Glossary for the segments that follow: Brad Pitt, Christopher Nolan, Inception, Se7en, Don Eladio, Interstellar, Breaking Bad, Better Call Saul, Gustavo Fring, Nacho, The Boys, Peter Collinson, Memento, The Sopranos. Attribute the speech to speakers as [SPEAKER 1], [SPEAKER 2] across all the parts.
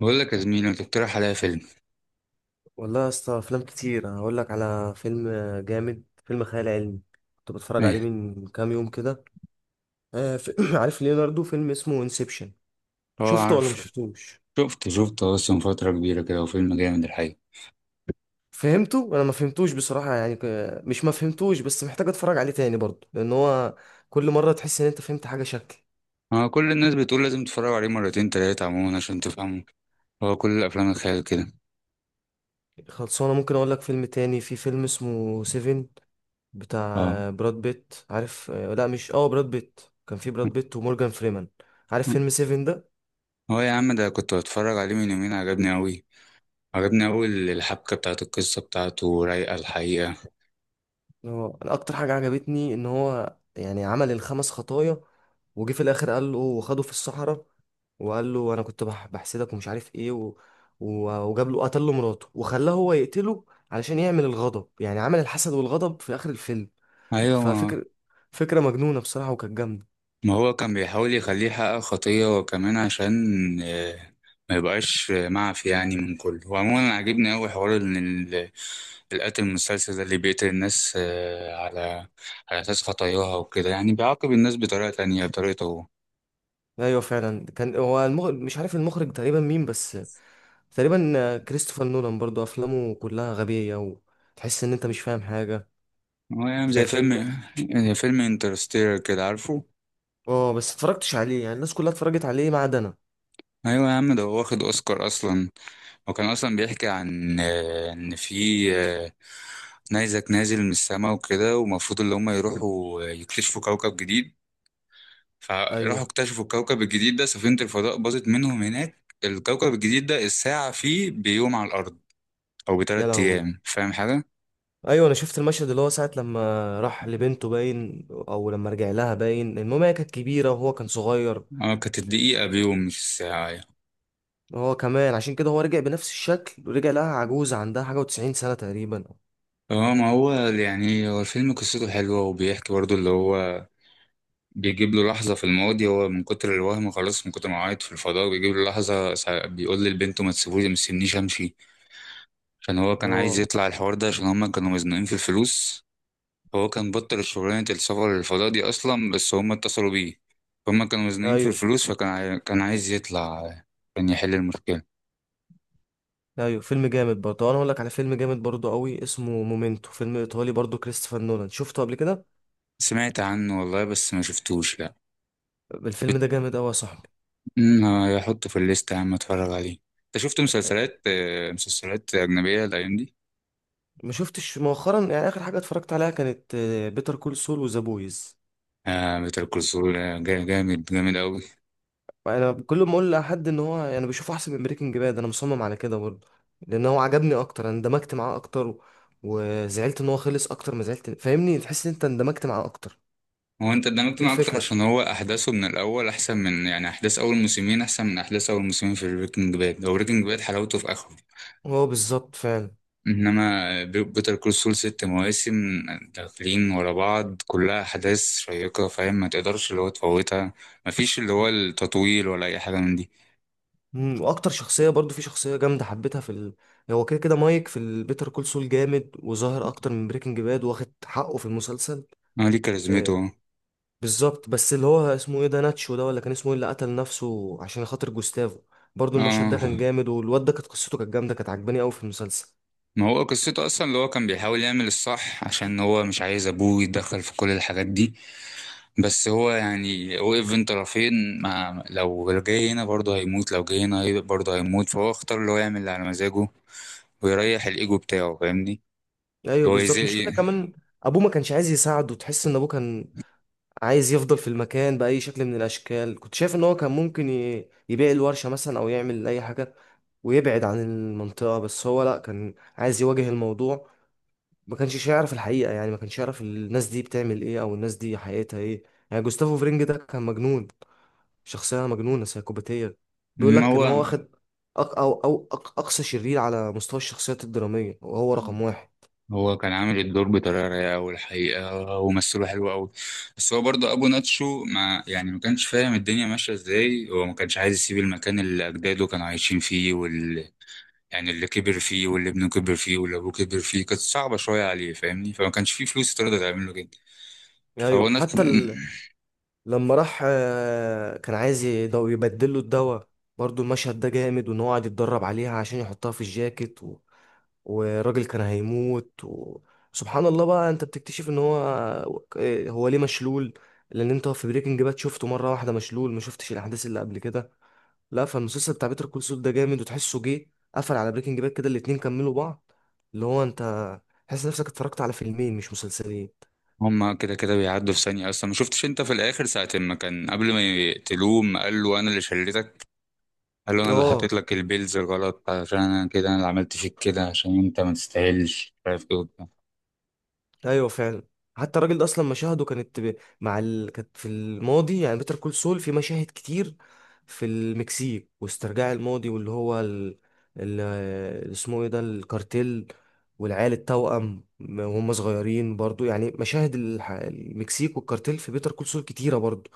[SPEAKER 1] بقول لك يا زميلي ما تقترح عليا فيلم.
[SPEAKER 2] والله يا اسطى، افلام كتير. انا هقول لك على فيلم جامد، فيلم خيال علمي كنت بتفرج عليه
[SPEAKER 1] ايه؟
[SPEAKER 2] من كام يوم كده. عارف ليوناردو؟ فيلم اسمه انسبشن.
[SPEAKER 1] اه،
[SPEAKER 2] شفته ولا مش
[SPEAKER 1] عارف.
[SPEAKER 2] شفتوش؟
[SPEAKER 1] شفت اصلا فترة كبيرة كده، وفيلم جامد الحقيقة.
[SPEAKER 2] فهمته؟ انا ما فهمتوش بصراحة، يعني مش ما فهمتوش، بس محتاج اتفرج عليه تاني برضه، لان هو كل مرة تحس ان انت فهمت حاجة شكل.
[SPEAKER 1] اه، كل الناس بتقول لازم تتفرج عليه مرتين تلاتة، عموما عشان تفهمه. هو كل الافلام الخيال كده.
[SPEAKER 2] خلصانة. ممكن اقول لك فيلم تاني؟ في فيلم اسمه سيفن، بتاع
[SPEAKER 1] اه.
[SPEAKER 2] براد بيت، عارف؟ لا مش براد بيت، كان في براد بيت ومورجان فريمان. عارف فيلم سيفن ده؟
[SPEAKER 1] هو يا عم ده كنت بتفرج عليه من يومين، عجبني قوي. عجبني قوي الحبكة بتاعت القصة بتاعته، رايقة الحقيقة.
[SPEAKER 2] هو أنا اكتر حاجه عجبتني ان هو يعني عمل الخمس خطايا، وجي في الاخر قال له وخده في الصحراء، وقال له انا كنت بحسدك ومش عارف ايه، وجاب له قتل له مراته وخلاه هو يقتله علشان يعمل الغضب. يعني عمل الحسد والغضب في اخر الفيلم.
[SPEAKER 1] ايوه،
[SPEAKER 2] ففكر، فكره مجنونه بصراحه وكانت جامده.
[SPEAKER 1] ما هو كان بيحاول يخليه يحقق خطية، وكمان عشان آه، ما يبقاش معفي يعني من كله. وعموما عجبني قوي حوار ان ال- القاتل المسلسل ده اللي بيقتل الناس على أساس خطاياها وكده، يعني بيعاقب الناس بطريقة تانية بطريقته هو.
[SPEAKER 2] ايوه فعلا. كان هو المخرج مش عارف، المخرج تقريبا مين بس، تقريبا كريستوفر نولان. برضو افلامه كلها غبيه وتحس ان انت مش فاهم حاجه.
[SPEAKER 1] هو يعني
[SPEAKER 2] ده فيلم،
[SPEAKER 1] زي فيلم انترستيلر كده عارفه.
[SPEAKER 2] اه، بس اتفرجتش عليه، يعني الناس كلها اتفرجت عليه ما عدا انا.
[SPEAKER 1] أيوة يا عم ده هو واخد أوسكار أصلا، وكان أصلا بيحكي عن إن في آه، نيزك نازل من السماء وكده، ومفروض اللي هما يروحوا يكتشفوا كوكب جديد. فراحوا
[SPEAKER 2] ايوه،
[SPEAKER 1] اكتشفوا الكوكب الجديد ده، سفينة الفضاء باظت منهم هناك. الكوكب الجديد ده الساعة فيه بيوم على الأرض أو
[SPEAKER 2] يا
[SPEAKER 1] بتلات
[SPEAKER 2] لهوي.
[SPEAKER 1] أيام، فاهم حاجة؟
[SPEAKER 2] ايوه انا شفت المشهد اللي هو ساعه لما راح لبنته باين، او لما رجع لها باين، المهم هي كانت كبيره وهو كان صغير.
[SPEAKER 1] اه، كانت الدقيقة بيوم مش الساعة يعني.
[SPEAKER 2] هو كمان عشان كده هو رجع بنفس الشكل ورجع لها عجوزه، عندها حاجه و90 سنه تقريبا.
[SPEAKER 1] اه، ما هو يعني هو الفيلم قصته حلوة، وبيحكي برضو اللي هو بيجيب له لحظة في الماضي. هو من كتر الوهم خلاص، من كتر ما عيط في الفضاء، بيجيب له لحظة بيقول للبنت ما تسيبوش ما تسيبنيش امشي، عشان هو كان عايز
[SPEAKER 2] اه.
[SPEAKER 1] يطلع الحوار ده عشان هما كانوا مزنوقين في الفلوس. هو كان بطل شغلانة السفر للفضاء دي أصلا، بس هما اتصلوا بيه. هما كانوا مزنوقين في
[SPEAKER 2] ايوه
[SPEAKER 1] الفلوس، فكان كان عايز يطلع، كان يحل المشكلة.
[SPEAKER 2] ايوه، فيلم جامد برضه. انا اقول لك على فيلم جامد برضه قوي اسمه مومنتو، فيلم ايطالي برضه كريستوفر نولان، شفته قبل كده؟
[SPEAKER 1] سمعت عنه والله بس ما شفتوش لا.
[SPEAKER 2] الفيلم ده جامد قوي يا صاحبي.
[SPEAKER 1] امم هحطه في الليستة يا عم اتفرج عليه. انت شفت مسلسلات مسلسلات أجنبية الأيام دي؟
[SPEAKER 2] ما شفتش مؤخرا، يعني اخر حاجه اتفرجت عليها كانت بيتر كول سول وذا بويز.
[SPEAKER 1] آه بيتر كول، جامد جامد أوي.
[SPEAKER 2] انا كل ما اقول لحد ان هو يعني بشوفه احسن من بريكنج باد، انا مصمم على كده برضه، لان هو عجبني اكتر، انا اندمجت معاه اكتر، وزعلت ان هو خلص اكتر ما زعلت، فاهمني؟ تحس ان انت اندمجت معاه اكتر.
[SPEAKER 1] هو أنت اتدمجت
[SPEAKER 2] دي
[SPEAKER 1] معاه أكتر
[SPEAKER 2] الفكره.
[SPEAKER 1] عشان هو أحداثه من الأول أحسن من يعني، أحداث أول موسمين أحسن من أحداث أول موسمين في بريكنج باد. هو بريكنج باد حلاوته في آخره،
[SPEAKER 2] هو بالظبط فعلا.
[SPEAKER 1] إنما بيتر كول سول ست مواسم داخلين ورا بعض كلها أحداث شيقة، فاهم ما تقدرش اللي هو تفوتها. مفيش اللي هو التطويل ولا أي حاجة من دي.
[SPEAKER 2] واكتر شخصيه برضه، في شخصيه جامده حبيتها في هو كده كده مايك في البيتر كول سول جامد، وظاهر اكتر من بريكنج باد، واخد حقه في المسلسل.
[SPEAKER 1] آه ليه كاريزمته.
[SPEAKER 2] آه، بالظبط. بس اللي هو اسمه ايه ده، ناتشو ده، ولا كان اسمه ايه، اللي قتل نفسه عشان خاطر جوستافو؟ برضو المشهد
[SPEAKER 1] اه،
[SPEAKER 2] ده كان جامد، والواد ده كانت قصته كانت جامده، كانت عجباني قوي في المسلسل.
[SPEAKER 1] ما هو قصته اصلا اللي هو كان بيحاول يعمل الصح، عشان هو مش عايز ابوه يتدخل في كل الحاجات دي. بس هو يعني وقف بين طرفين، مع لو جاي هنا برضه هيموت، لو جاي هنا برضه هيموت، فهو اختار اللي هو يعمل اللي على مزاجه ويريح الايجو بتاعه فاهمني.
[SPEAKER 2] ايوه
[SPEAKER 1] اللي هو يزق.
[SPEAKER 2] بالظبط. مش كده كمان؟ ابوه ما كانش عايز يساعده، تحس ان ابوه كان عايز يفضل في المكان باي شكل من الاشكال. كنت شايف ان هو كان ممكن يبيع الورشه مثلا، او يعمل اي حاجه ويبعد عن المنطقه، بس هو لا، كان عايز يواجه الموضوع. ما كانش يعرف الحقيقه، يعني ما كانش يعرف الناس دي بتعمل ايه، او الناس دي حقيقتها ايه. يعني جوستافو فرينج ده كان مجنون، شخصية مجنونة سايكوباتية. بيقول
[SPEAKER 1] ما
[SPEAKER 2] لك إن هو واخد أق أو أو أق أقصى شرير على مستوى الشخصيات الدرامية، وهو رقم واحد.
[SPEAKER 1] هو كان عامل الدور بطريقه رايقه أوي الحقيقه، ومثله حلو قوي. بس هو برضه ابو ناتشو، ما يعني ما كانش فاهم الدنيا ماشيه ازاي. هو ما كانش عايز يسيب المكان اللي اجداده كانوا عايشين فيه، يعني اللي كبر فيه واللي ابنه كبر فيه واللي ابوه كبر فيه. كانت صعبة شوية عليه فاهمني، فما كانش فيه فلوس تقدر تعمل له كده. فهو
[SPEAKER 2] أيوه،
[SPEAKER 1] الناس.
[SPEAKER 2] حتى لما راح، كان عايز يبدل له الدواء. برضو المشهد ده جامد، وإن هو قاعد يتدرب عليها عشان يحطها في الجاكيت والراجل كان هيموت سبحان الله بقى أنت بتكتشف إن هو، هو ليه مشلول. لأن أنت في بريكنج باد شفته مرة واحدة مشلول، ما شفتش الأحداث اللي قبل كده، لا. فالمسلسل بتاع بيتر كول سول ده جامد، وتحسه جه قفل على بريكنج باد كده، الاتنين كملوا بعض. اللي هو انت تحس نفسك اتفرجت على فيلمين، مش مسلسلين.
[SPEAKER 1] هما كده كده بيعدوا في ثانية أصلا. ما شفتش أنت في الآخر ساعة ما كان قبل ما يقتلوه، ما قال له أنا اللي شلتك، قال له أنا اللي
[SPEAKER 2] اه
[SPEAKER 1] حطيت لك البيلز الغلط، عشان أنا كده أنا اللي عملت فيك كده عشان أنت ما تستاهلش مش عارف إيه وبتاع.
[SPEAKER 2] ايوه فعلا. حتى الراجل ده اصلا مشاهده كانت كانت في الماضي، يعني بيتر كول سول في مشاهد كتير في المكسيك، واسترجاع الماضي، واللي هو ال... اسمه ايه ده، الكارتيل، والعيال التوأم وهم صغيرين برضو. يعني مشاهد المكسيك والكارتيل في بيتر كول سول كتيرة برضو.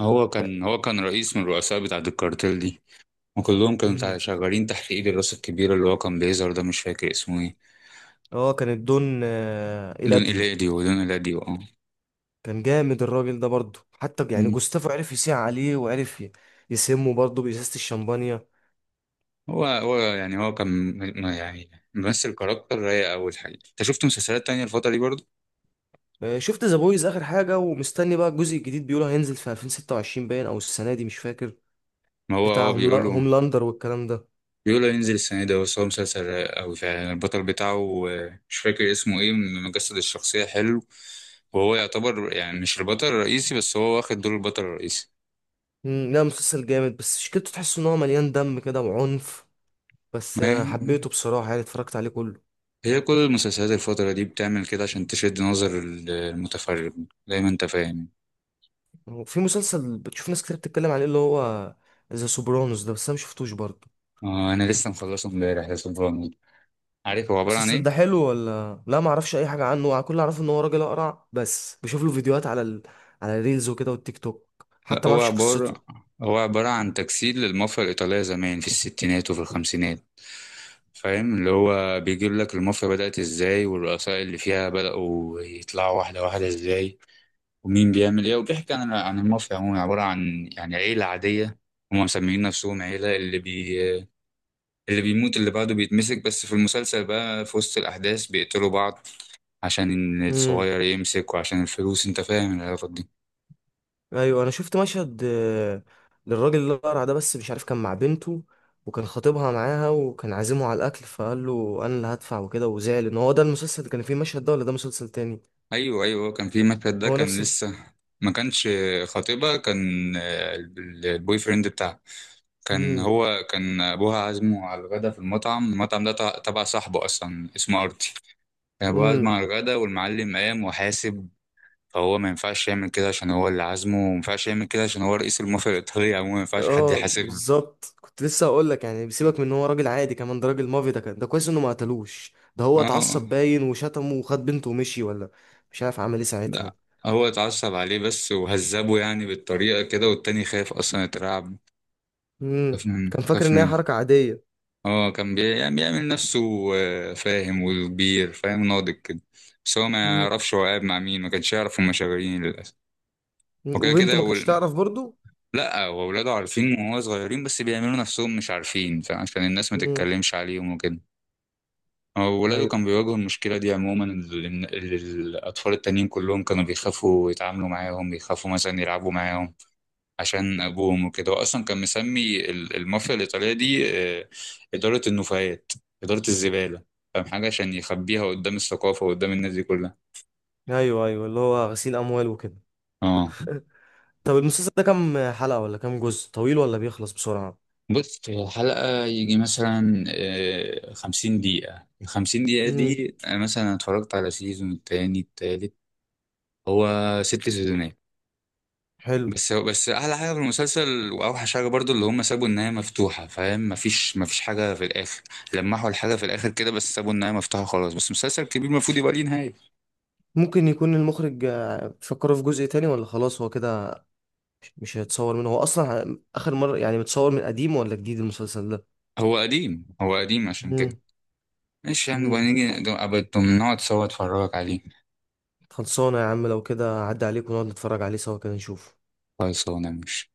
[SPEAKER 1] هو كان رئيس من الرؤساء بتاعة الكارتيل دي، وكلهم كانوا
[SPEAKER 2] مم.
[SPEAKER 1] شغالين تحت إيد الراس الكبير اللي هو كان بيظهر ده، مش فاكر اسمه إيه.
[SPEAKER 2] اه، كان الدون،
[SPEAKER 1] دون
[SPEAKER 2] إيلاديو.
[SPEAKER 1] إيلاديو، دون إيلاديو، أه.
[SPEAKER 2] كان جامد الراجل ده برضه، حتى يعني جوستافو عرف يسيع عليه، وعرف يسمه برضه بإزازة الشمبانيا.
[SPEAKER 1] هو يعني هو كان يعني ممثل كاركتر رايق أوي الحقيقة. أنت شفت مسلسلات تانية الفترة دي برضه؟
[SPEAKER 2] شفت ذا بويز آخر حاجة، ومستني بقى الجزء الجديد، بيقولوا هينزل في 2026 باين، أو السنة دي، مش فاكر.
[SPEAKER 1] ما هو
[SPEAKER 2] بتاع
[SPEAKER 1] بيقولوا
[SPEAKER 2] هوملاندر والكلام ده.
[SPEAKER 1] ينزل السنة دي. بس هو مسلسل رايق أوي فعلا، البطل بتاعه مش فاكر اسمه إيه، مجسد الشخصية حلو. وهو يعتبر يعني مش البطل الرئيسي، بس هو واخد دور البطل الرئيسي.
[SPEAKER 2] لا، مسلسل جامد، بس شكلته تحس إن هو مليان دم كده وعنف. بس
[SPEAKER 1] ما هي،
[SPEAKER 2] أنا حبيته بصراحة، يعني اتفرجت عليه كله.
[SPEAKER 1] هي كل المسلسلات الفترة دي بتعمل كده عشان تشد نظر المتفرج زي ما أنت فاهم.
[SPEAKER 2] وفي مسلسل بتشوف ناس كتير بتتكلم عليه، اللي هو ذا سوبرانوس ده، بس أنا مشفتوش برضه.
[SPEAKER 1] آه أنا لسه مخلصه امبارح، يا سبحان الله. عارف هو عبارة عن
[SPEAKER 2] المسلسل ده
[SPEAKER 1] إيه؟
[SPEAKER 2] حلو ولا لا؟ ما اعرفش اي حاجه عنه، كل اللي اعرفه ان هو راجل اقرع، بس بشوف له فيديوهات على الريلز وكده، والتيك توك.
[SPEAKER 1] لا،
[SPEAKER 2] حتى ما اعرفش قصته.
[SPEAKER 1] هو عبارة عن تجسيد للمافيا الإيطالية زمان في الستينات وفي الخمسينات، فاهم. اللي هو بيجيب لك المافيا بدأت ازاي، والرؤساء اللي فيها بدأوا يطلعوا واحدة واحدة ازاي، ومين بيعمل ايه. وبيحكي عن المافيا عموما، عبارة عن يعني عيلة عادية، هم مسميين نفسهم عيلة. اللي بيموت اللي بعده بيتمسك، بس في المسلسل بقى في وسط الأحداث بيقتلوا بعض عشان
[SPEAKER 2] امم
[SPEAKER 1] الصغير يمسك وعشان الفلوس، انت فاهم العلاقة دي.
[SPEAKER 2] ايوه، انا شفت مشهد للراجل اللي اقرع ده، بس مش عارف، كان مع بنته، وكان خطيبها معاها، وكان عازمه على الاكل، فقال له انا اللي هدفع وكده، وزعل ان هو. ده المسلسل اللي كان فيه المشهد ده ولا ده مسلسل تاني؟
[SPEAKER 1] ايوه، ايوه، كان في مشهد ده
[SPEAKER 2] هو
[SPEAKER 1] كان
[SPEAKER 2] نفس
[SPEAKER 1] لسه، ما كانش، خطيبها كان، البوي فريند بتاعها. كان، هو كان ابوها عازمه على الغدا في المطعم ده تبع صاحبه اصلا اسمه ارتي. كان ابوها عازمه
[SPEAKER 2] امم
[SPEAKER 1] على الغدا، والمعلم قام وحاسب. فهو ما ينفعش يعمل كده عشان هو اللي عازمه، وما ينفعش يعمل كده عشان هو رئيس المافيا الايطاليه عموما، ما ينفعش حد
[SPEAKER 2] اه
[SPEAKER 1] يحاسب له.
[SPEAKER 2] بالظبط. كنت لسه هقول لك، يعني بيسيبك من ان هو راجل عادي كمان، ده راجل مافي ده. كان ده كويس انه ما قتلوش ده. هو
[SPEAKER 1] اه.
[SPEAKER 2] اتعصب باين وشتمه وخد بنته ومشي، ولا مش عارف عمل ايه ساعتها.
[SPEAKER 1] لا، هو اتعصب عليه بس وهذبه يعني بالطريقه كده، والتاني خاف اصلا يترعب.
[SPEAKER 2] امم كان فاكر
[SPEAKER 1] خاف
[SPEAKER 2] ان هي
[SPEAKER 1] من.
[SPEAKER 2] حركة عادية.
[SPEAKER 1] اه، كان يعني بيعمل نفسه فاهم وكبير، فاهم ناضج كده. بس هو ما
[SPEAKER 2] امم
[SPEAKER 1] يعرفش هو قاعد مع مين، ما كانش يعرف هما شغالين للأسف. وكده
[SPEAKER 2] وبنته
[SPEAKER 1] كده
[SPEAKER 2] ما كانتش تعرف برضو.
[SPEAKER 1] لا، هو ولاده عارفين وهو صغيرين، بس بيعملوا نفسهم مش عارفين، فعشان الناس ما
[SPEAKER 2] امم
[SPEAKER 1] تتكلمش عليهم وكده. هو ولاده
[SPEAKER 2] ايوه
[SPEAKER 1] كان بيواجهوا المشكلة دي عموما. اللي الأطفال التانيين كلهم كانوا بيخافوا يتعاملوا معاهم، بيخافوا مثلا يلعبوا معاهم عشان ابوهم وكده. هو اصلا كان مسمي المافيا الايطاليه دي آه، اداره النفايات، اداره الزباله، فاهم حاجه، عشان يخبيها قدام الثقافه وقدام الناس دي كلها.
[SPEAKER 2] ايوه ايوه، اللي هو غسيل اموال وكده.
[SPEAKER 1] اه،
[SPEAKER 2] طب المسلسل ده كام حلقة، ولا كام جزء، طويل ولا بيخلص بسرعة؟
[SPEAKER 1] بص هي الحلقه يجي مثلا 50 دقيقه، ال 50 دقيقه
[SPEAKER 2] امم
[SPEAKER 1] دي أنا مثلا اتفرجت على سيزون التاني التالت. هو ست سيزونات.
[SPEAKER 2] حلو.
[SPEAKER 1] بس احلى حاجه في المسلسل واوحش حاجه برضو، اللي هم سابوا النهايه مفتوحه فاهم. مفيش حاجه في الاخر، لمحوا الحاجه في الاخر كده، بس سابوا النهايه مفتوحه خلاص. بس مسلسل كبير المفروض يبقى ليه نهايه.
[SPEAKER 2] ممكن يكون المخرج، فكروا في جزء تاني، ولا خلاص هو كده مش هيتصور منه؟ هو اصلا اخر مره يعني، متصور من قديم ولا جديد المسلسل ده؟
[SPEAKER 1] هو قديم، هو قديم عشان
[SPEAKER 2] مم.
[SPEAKER 1] كده. ماشي، يعني نبقى
[SPEAKER 2] مم.
[SPEAKER 1] نيجي ابقى نقعد سوا اتفرجك عليه.
[SPEAKER 2] خلصانه يا عم. لو كده عدى عليك، ونقعد نتفرج عليه سوا كده، نشوف.
[SPEAKER 1] خلاص انا ماشي